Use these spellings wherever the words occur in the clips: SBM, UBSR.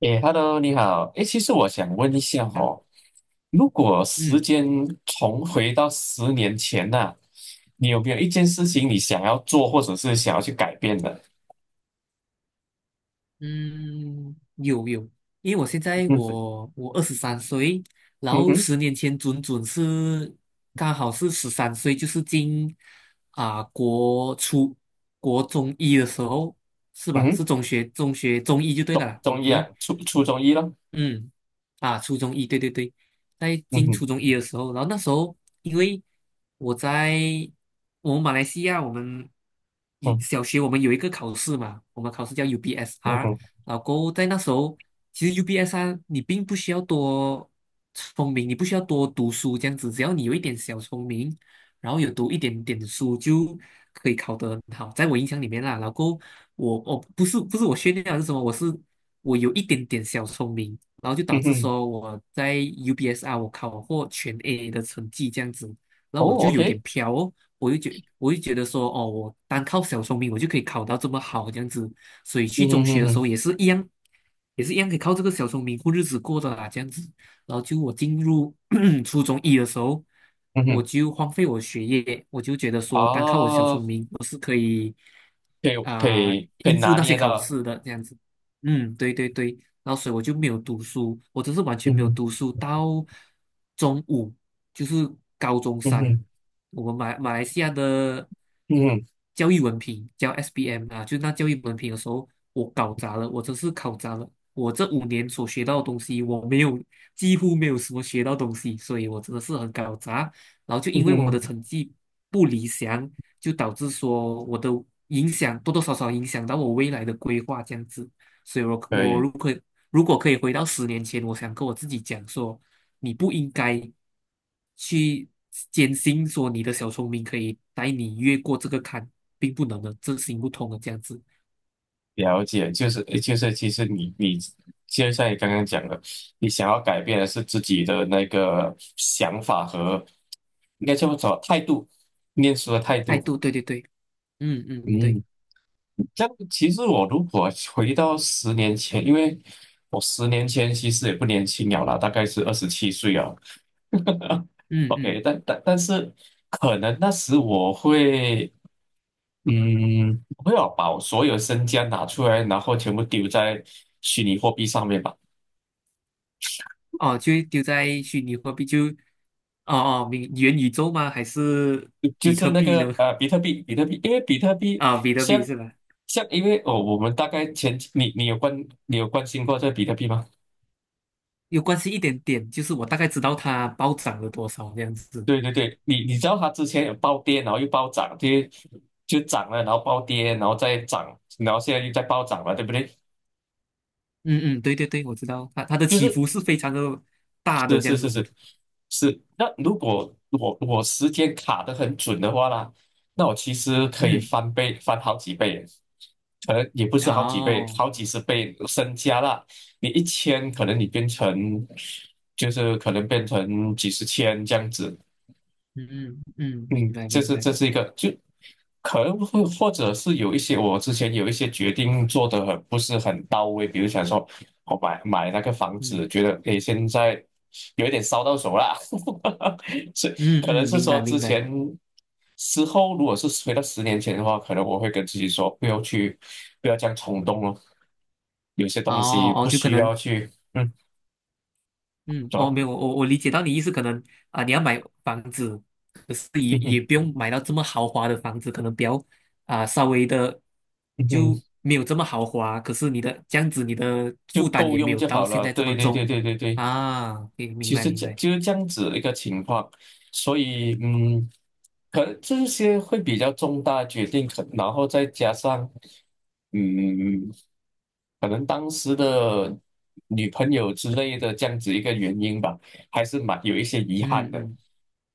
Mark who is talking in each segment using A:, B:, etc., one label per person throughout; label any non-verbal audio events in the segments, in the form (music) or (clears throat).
A: 诶，Hello，你好。其实我想问一下
B: 啊，
A: 哦，如果时
B: 嗯
A: 间重回到十年前呐、你有没有一件事情你想要做，或者是想要去改变的？
B: 嗯，有，因为我现在
A: 嗯
B: 我23岁，然
A: 嗯
B: 后
A: 哼
B: 十年前准是刚好是十三岁，就是进啊、国初国中医的时候，是
A: 嗯
B: 吧？
A: 哼，
B: 是中学中医就对了
A: 中
B: 啦，中
A: 中医啊，
B: 医。
A: 初中医咯。
B: 嗯，啊，初中一，对对对，在
A: 嗯
B: 进
A: 哼
B: 初中一的时候，然后那时候因为我在我们马来西亚，我们一
A: 嗯
B: 小学我们有一个考试嘛，我们考试叫
A: 嗯
B: UBSR，
A: 哼
B: 然后在那时候，其实 UBSR 你并不需要多聪明，你不需要多读书这样子，只要你有一点小聪明，然后有读一点点书就可以考得很好，在我印象里面啦，老公，我不是我炫耀还是什么，我是我有一点点小聪明。然后就导
A: 嗯
B: 致
A: 哼，
B: 说我在 UBSR 我考获全A 的成绩这样子，然后我
A: 哦
B: 就有点
A: ，OK，
B: 飘哦，我就觉得说哦，我单靠小聪明我就可以考到这么好这样子，所以去
A: 嗯
B: 中学的时候
A: 哼
B: 也是一样，也是一样可以靠这个小聪明过日子过的啦这样子。然后就我进入 (coughs) (clears throat) 初中一的时候，
A: 嗯哼
B: 我
A: 嗯哼，
B: 就荒废我学业，我就觉得说单靠我小
A: 哦，
B: 聪明我是可以。
A: 可以可以可以
B: 应付
A: 拿
B: 那些
A: 捏
B: 考
A: 到，
B: 试的这样子。嗯，对对对，然后所以我就没有读书，我真是完全
A: 嗯
B: 没有
A: 哼
B: 读书到中午，就是高中
A: 嗯
B: 三，
A: 哼
B: 我们马来西亚的
A: 嗯哼
B: 教育文凭叫 SBM 啊，就是那教育文凭的时候，我搞砸了，我真是搞砸了，我这5年所学到的东西，我没有几乎没有什么学到东西，所以我真的是很搞砸，然后就
A: 嗯
B: 因为我的
A: 哼，
B: 成绩不理想，就导致说影响多多少少影响到我未来的规划这样子。所以我，
A: 可以。
B: 如果可以回到十年前，我想跟我自己讲说，你不应该去坚信说你的小聪明可以带你越过这个坎，并不能的，这行不通的这样子。
A: 了解，就是就是，其实你就像你刚刚讲的，你想要改变的是自己的那个想法和应该叫做态度，念书的态
B: 态
A: 度。
B: 度。对对对，嗯嗯对，
A: 嗯，这样其实我如果回到十年前，因为我十年前其实也不年轻了啦，大概是27岁啊。
B: 嗯嗯，
A: OK，但是可能那时我会。嗯，我会要把我所有身家拿出来，然后全部丢在虚拟货币上面吧。
B: 哦，就丢在虚拟货币就，哦哦，明元宇宙吗？还是
A: 就
B: 比
A: 是
B: 特
A: 那
B: 币呢？
A: 个呃，比特币，比特币，因为比特币
B: 啊，比特币
A: 像
B: 是吧？
A: 像，因为哦，我们大概前你有关心过这个比特币吗？
B: 有关系一点点，就是我大概知道它暴涨了多少这样子。
A: 对对对，你知道它之前有暴跌，然后又暴涨，就就涨了，然后暴跌，然后再涨，然后现在又在暴涨了，对不对？
B: 嗯嗯，对对对，我知道它的
A: 就
B: 起
A: 是
B: 伏是非常的大的
A: 是
B: 这
A: 是
B: 样
A: 是
B: 子。
A: 是是，那如果我时间卡得很准的话啦，那我其实可以
B: 嗯，
A: 翻倍，翻好几倍，可能也不是好几倍，
B: 哦，
A: 好几十倍身家啦。你一千，可能你变成就是可能变成几十千这样子，
B: 嗯嗯嗯，明
A: 嗯，
B: 白
A: 这
B: 明
A: 是
B: 白，
A: 这是一个，就可能会或者是有一些我之前有一些决定做的很不是很到位，比如想说我买那个房
B: 嗯
A: 子，觉得诶现在有一点烧到手啦，(laughs) 所以
B: 嗯
A: 可能
B: 嗯，
A: 是
B: 明
A: 说
B: 白
A: 之
B: 明白。
A: 前之后如果是回到十年前的话，可能我会跟自己说不要去不要这样冲动哦，有些东西
B: 哦哦，
A: 不
B: 就可
A: 需要
B: 能
A: 去
B: 嗯，
A: 走
B: 哦，
A: 吧，
B: 没有，我理解到你意思，可能啊，你要买房子，可是也
A: 嗯
B: 也
A: 哼
B: 不用买到这么豪华的房子，可能比较啊稍微的
A: 嗯哼
B: 就没有这么豪华，可是你的这样子，你的
A: 就
B: 负担
A: 够
B: 也没
A: 用
B: 有
A: 就
B: 到
A: 好
B: 现
A: 了，
B: 在这
A: 对
B: 么
A: 对对
B: 重
A: 对对对。
B: 啊，明明
A: 其
B: 白
A: 实
B: 明
A: 这
B: 白，
A: 就是这样子一个情况，所以可能这些会比较重大的决定，可然后再加上嗯，可能当时的女朋友之类的这样子一个原因吧，还是蛮有一些遗憾
B: 嗯
A: 的，
B: 嗯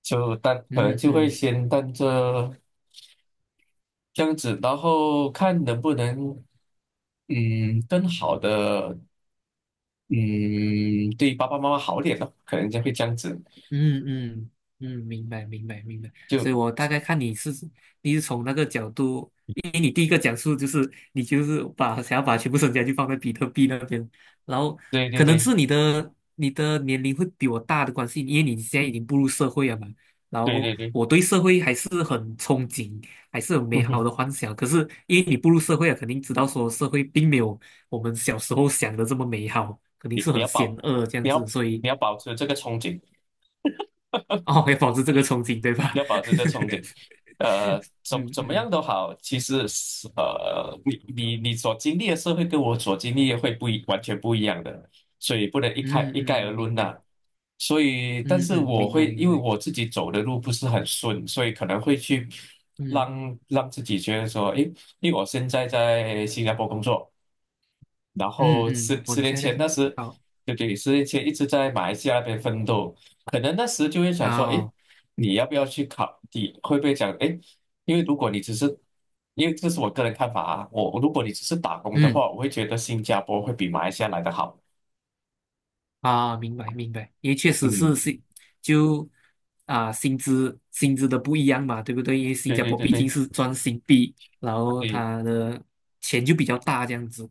A: 就但可能
B: 嗯
A: 就会
B: 嗯。
A: 先当这这样子，然后看能不能更好的嗯对爸爸妈妈好点咯，可能就会这样子。
B: 嗯嗯嗯，明白明白明白，所
A: 就。
B: 以我大概看你是从那个角度，因为你第一个讲述就是把想要把全部身家就放在比特币那边，然后
A: 对对
B: 可能
A: 对，
B: 是你的年龄会比我大的关系，因为你现在已
A: 嗯，
B: 经步入社会了嘛，然
A: 对
B: 后
A: 对对，
B: 我对社会还是很憧憬，还是有
A: 嗯
B: 美好
A: 哼，
B: 的幻想，可是因为你步入社会了，肯定知道说社会并没有我们小时候想的这么美好，肯定
A: 你
B: 是
A: 你
B: 很
A: 要
B: 险
A: 保，
B: 恶这样
A: 你
B: 子，
A: 要
B: 所以。
A: 你要保持这个憧憬，
B: 哦，要保持这个憧憬，对吧？
A: 你要保持这个憧憬，
B: (laughs)
A: 怎
B: 嗯
A: 怎么样
B: 嗯
A: 都好，其实是,你所经历的社会跟我所经历的会不一，完全不一样的，所以不能一概
B: 嗯
A: 一
B: 嗯，
A: 概而论
B: 明
A: 呐、
B: 白。
A: 所以，但
B: 嗯
A: 是
B: 嗯，
A: 我
B: 明白
A: 会
B: 明
A: 因为
B: 白。
A: 我自己走的路不是很顺，所以可能会去
B: 嗯
A: 让让自己觉得说，诶，因为我现在在新加坡工作。然
B: 嗯
A: 后十
B: 嗯，哦
A: 十
B: 你
A: 年
B: 现在在
A: 前那
B: 听。
A: 时，
B: 好
A: 对对，十年前一直在马来西亚那边奋斗，可能那时就会想说，哎，
B: 哦，
A: 你要不要去考？你会不会讲，哎，因为如果你只是，因为这是我个人看法啊，我如果你只是打工的
B: 嗯
A: 话，我会觉得新加坡会比马来西亚来的好。
B: 啊，明白明白，因为确实是
A: 嗯，
B: 薪就啊薪资的不一样嘛，对不对？因为新
A: 对
B: 加
A: 对
B: 坡
A: 对
B: 毕
A: 对
B: 竟是赚新币，然后
A: 对，
B: 他的钱就比较大这样子。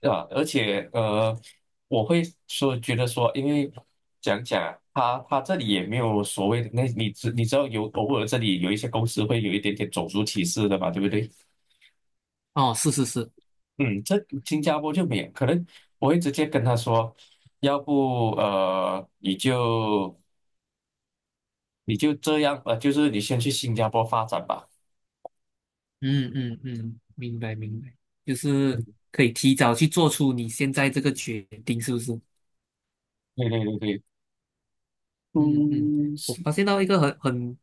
A: 对吧？而且我会说觉得说，因为讲讲啊他这里也没有所谓的那你知道有偶尔这里有一些公司会有一点点种族歧视的嘛，对不对？
B: 哦，是是是，
A: 嗯，这新加坡就免，可能我会直接跟他说，要不你就这样就是你先去新加坡发展吧。
B: 嗯嗯嗯，明白明白，就是
A: 嗯
B: 可以提早去做出你现在这个决定，是不是？
A: 对对对对，
B: 嗯嗯，
A: 嗯，
B: 我
A: 是，
B: 发现到一个很很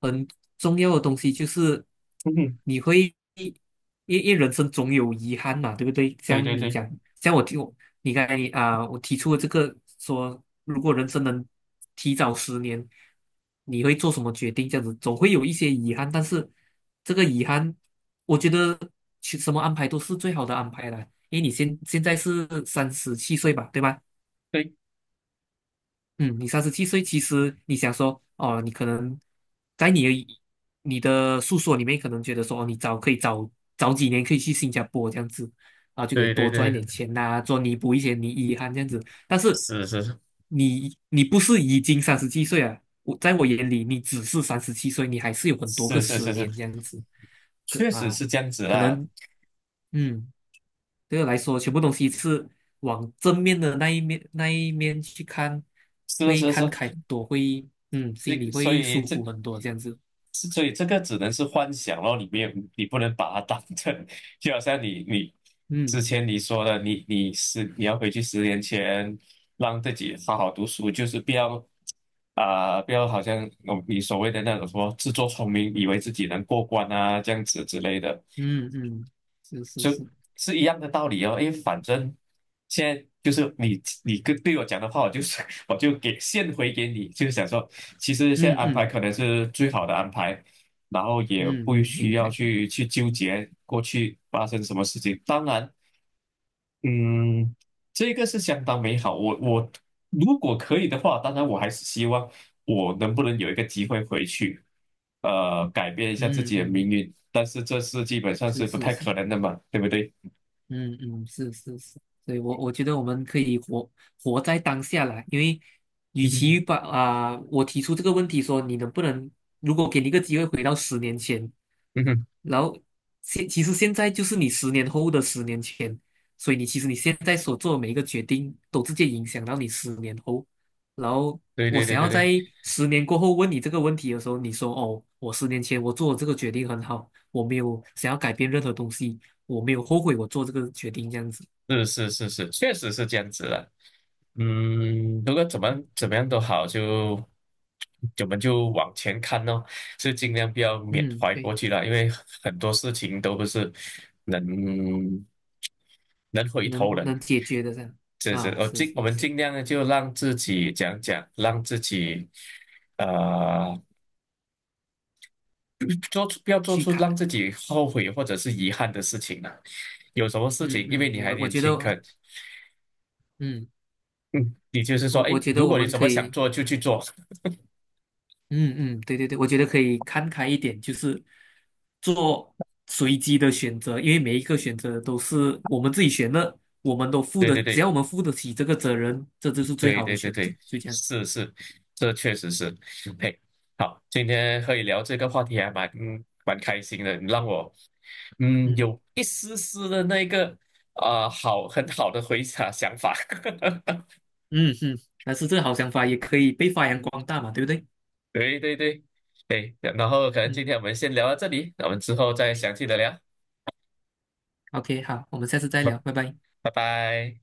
B: 很重要的东西，就是
A: 嗯，
B: 你会因因为人生总有遗憾嘛，对不对？
A: 对
B: 像
A: 对
B: 你
A: 对
B: 讲，像我听我你刚才我提出了这个说，如果人生能提早十年，你会做什么决定？这样子总会有一些遗憾，但是这个遗憾，我觉得其什么安排都是最好的安排啦，因为你现在是三十七岁吧，对吧？
A: 对
B: 嗯，你三十七岁，其实你想说，哦，你可能在你的诉说里面，可能觉得说，哦，你早可以早早几年可以去新加坡这样子，啊，就可以
A: 对对
B: 多赚一
A: 对，
B: 点钱呐、做弥补一些你遗憾这样子。但是
A: 是是
B: 你不是已经三十七岁啊？我在我眼里，你只是三十七岁，你还是有很多
A: 是
B: 个
A: 是
B: 十
A: 是是，
B: 年这样子，可
A: 确实
B: 啊，
A: 是这样子
B: 可
A: 啦，
B: 能嗯。对我来说，全部东西是往正面的那一面去看，
A: 是的
B: 会
A: 是的是
B: 看
A: 的，
B: 开很多，会嗯，
A: 这
B: 心
A: 个
B: 里
A: 所
B: 会
A: 以
B: 舒
A: 这
B: 服很多，这样子。
A: 是所以这个只能是幻想咯，你没有你不能把它当成，(laughs) 就好像你
B: 嗯
A: 之前你说的，你要回去十年前，让自己好好读书，就是不要不要好像哦你所谓的那种说自作聪明，以为自己能过关啊这样子之类的，
B: 嗯嗯，是是
A: 就
B: 是，
A: 是一样的道理哦，因为反正现在就是你跟对我讲的话，我就是 (laughs) 我就给现回给你，就是想说，其实现在
B: 嗯
A: 安排
B: 嗯
A: 可能是最好的安排，然后也
B: 嗯
A: 不
B: 嗯，
A: 需
B: 明
A: 要
B: 白明白，
A: 去纠结过去发生什么事情。当然，嗯，这个是相当美好。我如果可以的话，当然我还是希望我能不能有一个机会回去，改变一下自
B: 嗯
A: 己的命
B: 嗯，
A: 运。但是这是基本上是
B: 是
A: 不
B: 是
A: 太
B: 是，
A: 可能的嘛，对不对？
B: 嗯嗯是是是，所以我觉得我们可以活活在当下啦，因为与
A: 嗯
B: 其
A: 哼，
B: 把我提出这个问题说你能不能，如果给你一个机会回到十年前。
A: 嗯哼，
B: 然后其实现在就是你10年后的10年前，所以你其实你现在所做的每一个决定都直接影响到你十年后。然后
A: 对
B: 我
A: 对对
B: 想
A: 对
B: 要在
A: 对，
B: 10年过后问你这个问题的时候，你说哦，我十年前我做的这个决定很好，我没有想要改变任何东西，我没有后悔我做这个决定这样子。
A: 是是是是，确实是这样子的。嗯，如果怎么样都好，就我们就往前看咯，是尽量不要缅
B: 嗯，
A: 怀
B: 对，
A: 过去了，因为很多事情都不是能能回头
B: 能
A: 人。
B: 能解决的这样
A: 这是
B: 啊，是
A: 我
B: 是
A: 们
B: 是，
A: 尽量的就让自己讲讲，让自己呃做出不要做
B: 去
A: 出
B: 看。
A: 让自己后悔或者是遗憾的事情了。有什么事
B: 嗯
A: 情，因为
B: 嗯，
A: 你还
B: 我
A: 年
B: 觉
A: 轻，
B: 得，嗯，
A: 嗯，也就是说，
B: 我
A: 哎，
B: 觉
A: 如
B: 得我
A: 果你
B: 们
A: 什
B: 可
A: 么想
B: 以。
A: 做就去做，
B: 嗯嗯，对对对，我觉得可以看开一点，就是做随机的选择，因为每一个选择都是我们自己选的，我们都
A: (laughs)
B: 负
A: 对
B: 的，
A: 对
B: 只
A: 对
B: 要我们负得起这个责任，这就是最
A: 对
B: 好的
A: 对对
B: 选择，
A: 对，
B: 就这样子。
A: 是是，这确实是，嘿，好，今天和你聊这个话题还蛮蛮开心的，你让我
B: 嗯
A: 有一丝丝的那个很好的回想想法，
B: 嗯嗯，但是这个好想法也可以被发扬光大嘛，对不对？
A: (laughs) 对对对，对，然后可能
B: 嗯
A: 今天我们先聊到这里，那我们之后再详细的聊，
B: ，OK，好，我们下次再
A: 拜
B: 聊，拜拜。
A: 拜拜。